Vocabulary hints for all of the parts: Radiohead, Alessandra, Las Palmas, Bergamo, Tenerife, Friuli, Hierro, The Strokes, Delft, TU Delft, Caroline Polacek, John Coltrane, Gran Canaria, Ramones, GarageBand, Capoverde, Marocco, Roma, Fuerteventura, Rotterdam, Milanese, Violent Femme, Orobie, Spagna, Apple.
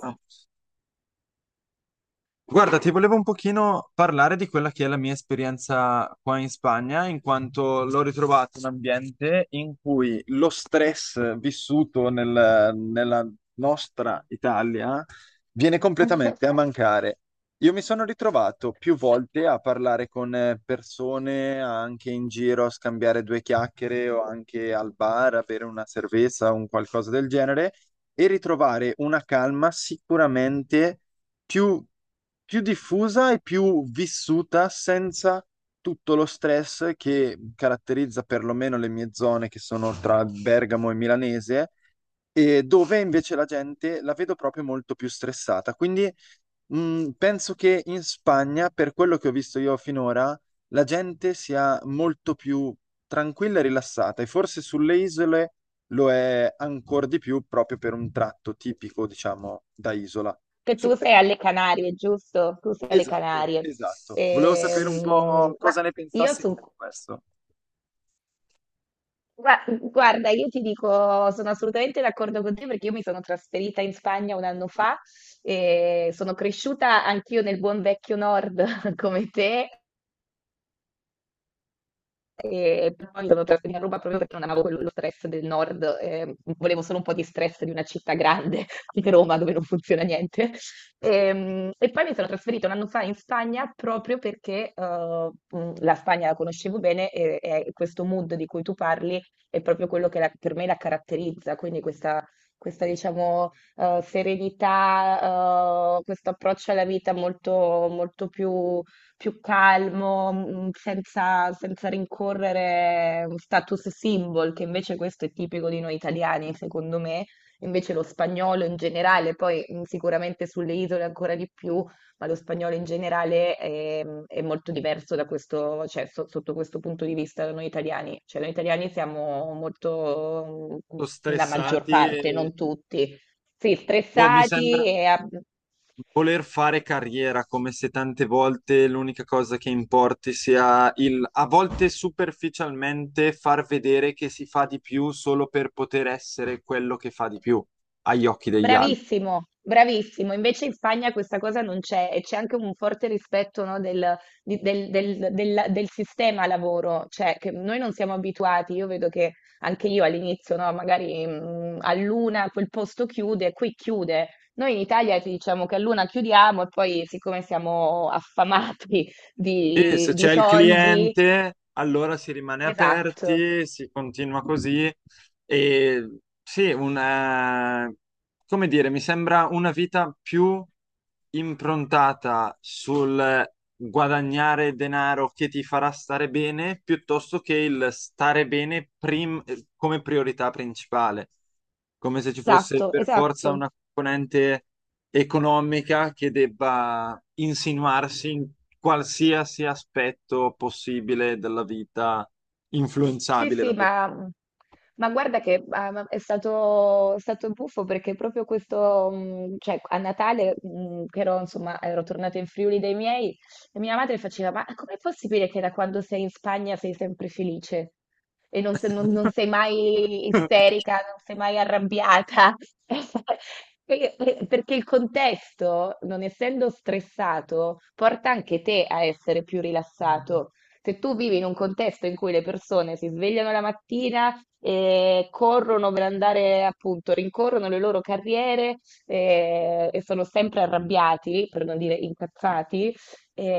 Ah. Guarda, ti volevo un pochino parlare di quella che è la mia esperienza qua in Spagna, in quanto l'ho ritrovato un ambiente in cui lo stress vissuto nella nostra Italia viene completamente a mancare. Io mi sono ritrovato più volte a parlare con persone anche in giro, a scambiare due chiacchiere o anche al bar, a bere una cerveza o un qualcosa del genere e ritrovare una calma sicuramente più, più diffusa e più vissuta senza tutto lo stress che caratterizza perlomeno le mie zone che sono tra Bergamo e Milanese. E dove invece la gente la vedo proprio molto più stressata. Quindi penso che in Spagna, per quello che ho visto io finora, la gente sia molto più tranquilla e rilassata, e forse sulle isole lo è ancora di più proprio per un tratto tipico, diciamo, da isola. Che Su. tu sei alle Canarie, giusto? Tu sei alle Esatto, Canarie. esatto. Volevo sapere un po' Ma cosa ne io pensassi te di questo. Guarda, io ti dico, sono assolutamente d'accordo con te perché io mi sono trasferita in Spagna un anno fa e sono cresciuta anch'io nel buon vecchio nord come te. E poi sono trasferita a Roma proprio perché non amavo quello lo stress del nord. Volevo solo un po' di stress di una città grande, di Roma, dove non funziona niente. Poi mi sono trasferita un anno fa in Spagna proprio perché la Spagna la conoscevo bene e questo mood di cui tu parli è proprio quello che per me la caratterizza, quindi questa, diciamo, serenità, questo approccio alla vita molto più più calmo, senza rincorrere un status symbol, che invece questo è tipico di noi italiani, secondo me. Invece lo spagnolo in generale, poi sicuramente sulle isole ancora di più, ma lo spagnolo in generale è molto diverso da questo, cioè, sotto questo punto di vista da noi italiani. Cioè, noi italiani siamo molto, Sono la maggior stressati parte, e non tutti, sì, boh, mi stressati sembra e. voler fare carriera, come se tante volte l'unica cosa che importi sia il, a volte superficialmente, far vedere che si fa di più solo per poter essere quello che fa di più agli occhi degli altri. Bravissimo, bravissimo. Invece in Spagna questa cosa non c'è e c'è anche un forte rispetto, no, del sistema lavoro, cioè che noi non siamo abituati. Io vedo che anche io all'inizio, no, magari a luna quel posto chiude, qui chiude. Noi in Italia ti diciamo che a luna chiudiamo e poi siccome siamo affamati E se di c'è il soldi. cliente, allora si rimane Esatto, aperti, si continua così. E sì, un come dire, mi sembra una vita più improntata sul guadagnare denaro che ti farà stare bene, piuttosto che il stare bene come priorità principale, come se ci fosse per forza esatto. una componente economica che debba insinuarsi in qualsiasi aspetto possibile della vita Sì, influenzabile sì, da questo. ma, mhmm, ma guarda che ma è stato buffo perché proprio questo, cioè a Natale, che ero, insomma, ero tornata in Friuli dai miei, e mia madre faceva, ma com'è possibile che da quando sei in Spagna sei sempre felice? E non, non sei mai isterica, non sei mai arrabbiata? Perché il contesto, non essendo stressato, porta anche te a essere più rilassato. Se tu vivi in un contesto in cui le persone si svegliano la mattina e corrono per andare, appunto, rincorrono le loro carriere, e sono sempre arrabbiati, per non dire incazzati,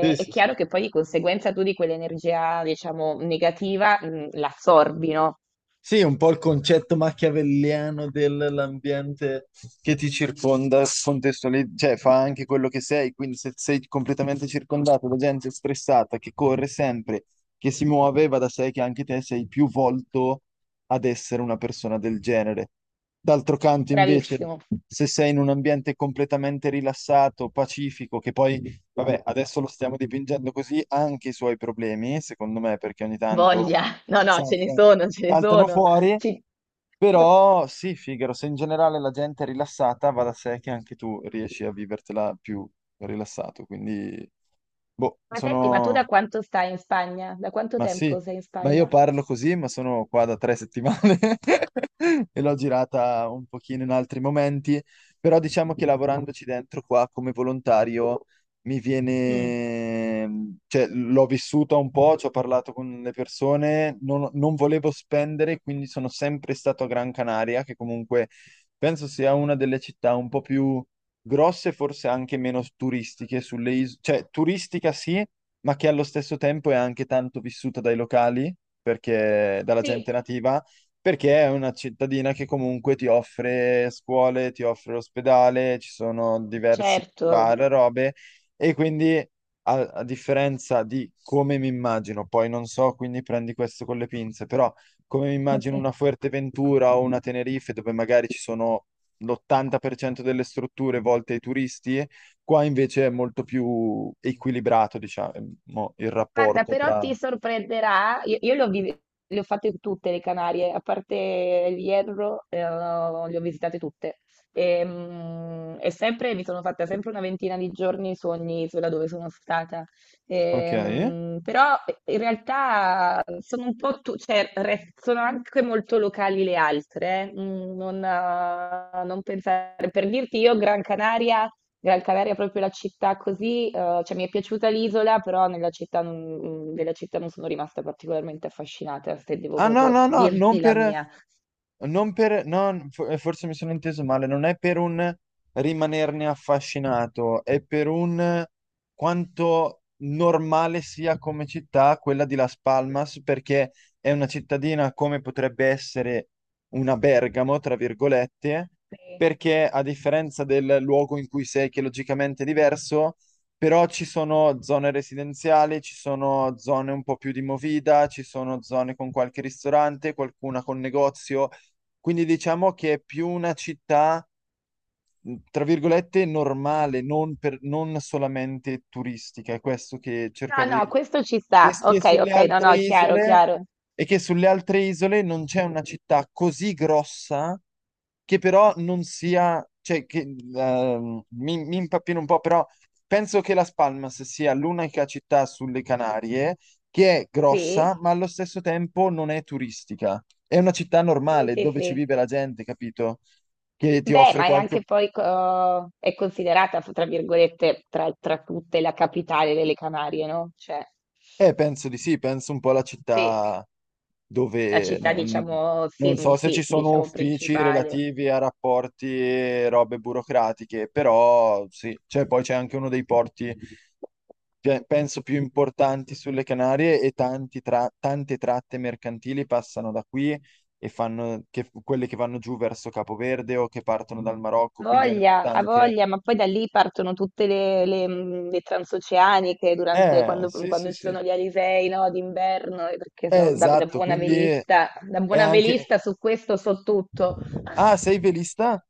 Sì, è sì, sì. chiaro che poi di conseguenza tu di quell'energia, diciamo, negativa, l'assorbi, no? Sì, un po' il concetto machiavelliano dell'ambiente che ti circonda, cioè fa anche quello che sei, quindi se sei completamente circondato da gente stressata, che corre sempre, che si muove, va da sé che anche te sei più volto ad essere una persona del genere. D'altro canto, invece, Bravissimo, se sei in un ambiente completamente rilassato, pacifico, che poi, vabbè, adesso lo stiamo dipingendo così, ha anche i suoi problemi, secondo me, perché ogni tanto voglia. No, no, ce ne saltano, sono, ce ne saltano sono. fuori, Ci- però sì, Figaro, se in generale la gente è rilassata, va da sé che anche tu riesci a vivertela più rilassato, quindi boh, Ma senti, ma tu da sono quanto stai in Spagna? Da quanto ma sì, tempo sei in ma io Spagna? parlo così, ma sono qua da 3 settimane e l'ho girata un pochino in altri momenti, però diciamo che lavorandoci dentro qua come volontario mi Mm. viene, cioè l'ho vissuta un po', ci ho parlato con le persone, non volevo spendere, quindi sono sempre stato a Gran Canaria, che comunque penso sia una delle città un po' più grosse, forse anche meno turistiche sulle isole, cioè turistica sì ma che allo stesso tempo è anche tanto vissuta dai locali, perché, dalla Sì. gente nativa, perché è una cittadina che comunque ti offre scuole, ti offre l'ospedale, ci sono diversi Certo. bar, robe, e quindi a differenza di come mi immagino, poi non so, quindi prendi questo con le pinze, però come mi immagino una Fuerteventura o una Tenerife dove magari ci sono l'80% delle strutture volte ai turisti. Qua invece è molto più equilibrato, diciamo, il Guarda, rapporto però tra... ti sorprenderà, io le ho, le ho fatte tutte le Canarie, a parte il Hierro, le ho visitate tutte. E sempre mi sono fatta sempre una ventina di giorni su ogni isola dove sono stata. Ok. Però in realtà sono un po' cioè, sono anche molto locali le altre. Eh. Non, non pensare, per dirti io, Gran Canaria. Gran Canaria è proprio la città così, cioè mi è piaciuta l'isola, però nella città non mhmm, della città non sono rimasta particolarmente affascinata, se devo Ah no, proprio no, no, non dirti la per... mia. Forse mi sono inteso male, non è per un rimanerne affascinato, è per un quanto normale sia come città quella di Las Palmas, perché è una cittadina come potrebbe essere una Bergamo, tra virgolette, Sì. perché a differenza del luogo in cui sei, che logicamente è diverso, però ci sono zone residenziali, ci sono zone un po' più di movida, ci sono zone con qualche ristorante, qualcuna con negozio quindi diciamo che è più una città tra virgolette, normale, non, non solamente turistica. È questo che No, cercavo no, di... questo ci E sta. che Okay, sulle okay, no, altre no, chiaro, isole, chiaro. e che sulle altre isole non c'è una città così grossa che però non sia... Cioè, che, mi impappino un po', però penso che Las Palmas sia l'unica città sulle Canarie che è grossa, Sì, ma allo stesso tempo non è turistica. È una città sì, normale sì, dove ci sì. vive la gente, capito? Che ti Beh, offre ma è qualche anche poi co è considerata f tra virgolette, tra tra tutte, la capitale delle Canarie, no, cioè penso di sì, penso un po' alla sì, città la dove città non, diciamo sì, non mhmm, so se ci sì, sono diciamo uffici principale. relativi a rapporti e robe burocratiche, però sì, cioè, poi c'è anche uno dei porti, penso, più importanti sulle Canarie e tanti tante tratte mercantili passano da qui e fanno quelle che vanno giù verso Capoverde o che partono dal Marocco, quindi è una città Voglia, ha anche... voglia, ma poi da lì partono tutte le transoceaniche durante, sì, sì, quando ci sì. Sono gli alisei, no, d'inverno, perché Esatto, quindi è da buona anche velista su questo so tutto. Ah, sei velista?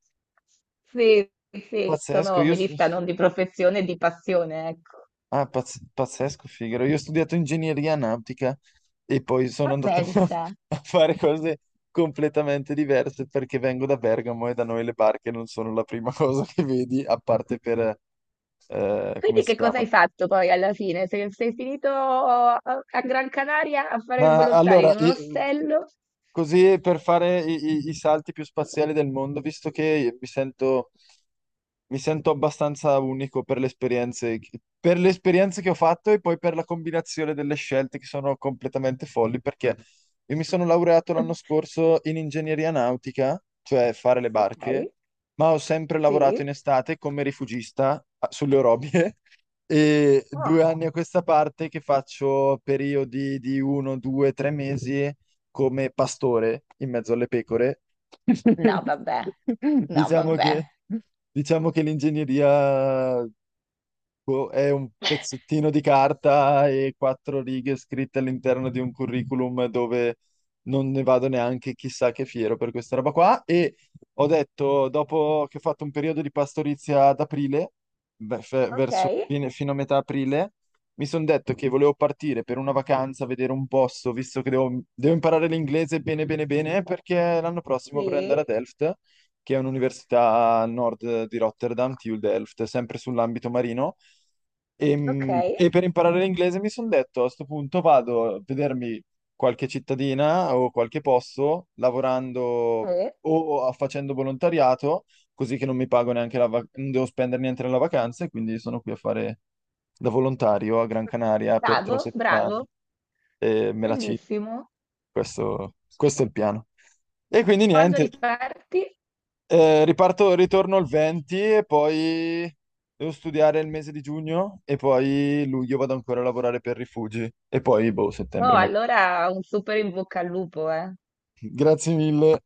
Sì, sì, Pazzesco, sono io... velista non di professione, di passione, ecco. Ah, pazzesco, Figaro. Io ho studiato ingegneria nautica e poi sono Ma andato a pensa, a fare cose completamente diverse perché vengo da Bergamo e da noi le barche non sono la prima cosa che vedi, a parte per... come quindi si che cosa chiama? hai fatto poi alla fine? Sei finito a Gran Canaria a fare il Ma volontario allora, in un ostello? così per fare i salti più spaziali del mondo, visto che mi sento abbastanza unico per le esperienze, per le esperienze che ho fatto e poi per la combinazione delle scelte che sono completamente folli, perché io mi sono laureato l'anno scorso in ingegneria nautica, cioè fare le barche, Ok, ma ho sempre lavorato sì. in estate come rifugista sulle orobie. E Ah. 2 anni a questa parte che faccio periodi di uno, due, tre mesi come pastore in mezzo alle pecore. No, vabbè. No, Diciamo vabbè. che, diciamo che l'ingegneria boh, è un pezzettino di carta e quattro righe scritte all'interno di un curriculum dove non ne vado neanche chissà che fiero per questa roba qua. E ho detto, dopo che ho fatto un periodo di pastorizia ad aprile, beh, verso Okay, fino a metà aprile, mi sono detto che volevo partire per una vacanza, vedere un posto, visto che devo imparare l'inglese bene bene bene, perché l'anno prossimo vorrei sì, andare a Delft che è un'università a nord di Rotterdam, TU Delft, sempre sull'ambito marino. E, mh, okay, e per imparare l'inglese mi sono detto a questo punto vado a vedermi qualche cittadina o qualche posto lavorando sì. o facendo volontariato, così che non mi pago neanche la vacanza, non devo spendere niente nella vacanza e quindi sono qui a fare da volontario a Gran Canaria per tre Bravo, settimane bravo. e me la ci, Bellissimo. questo è il piano. E quindi Quando niente, riparti? Riparto, ritorno il 20 e poi devo studiare il mese di giugno e poi luglio vado ancora a lavorare per rifugi e poi, boh, Oh, settembre magari. allora un super in bocca al lupo, eh. Grazie mille.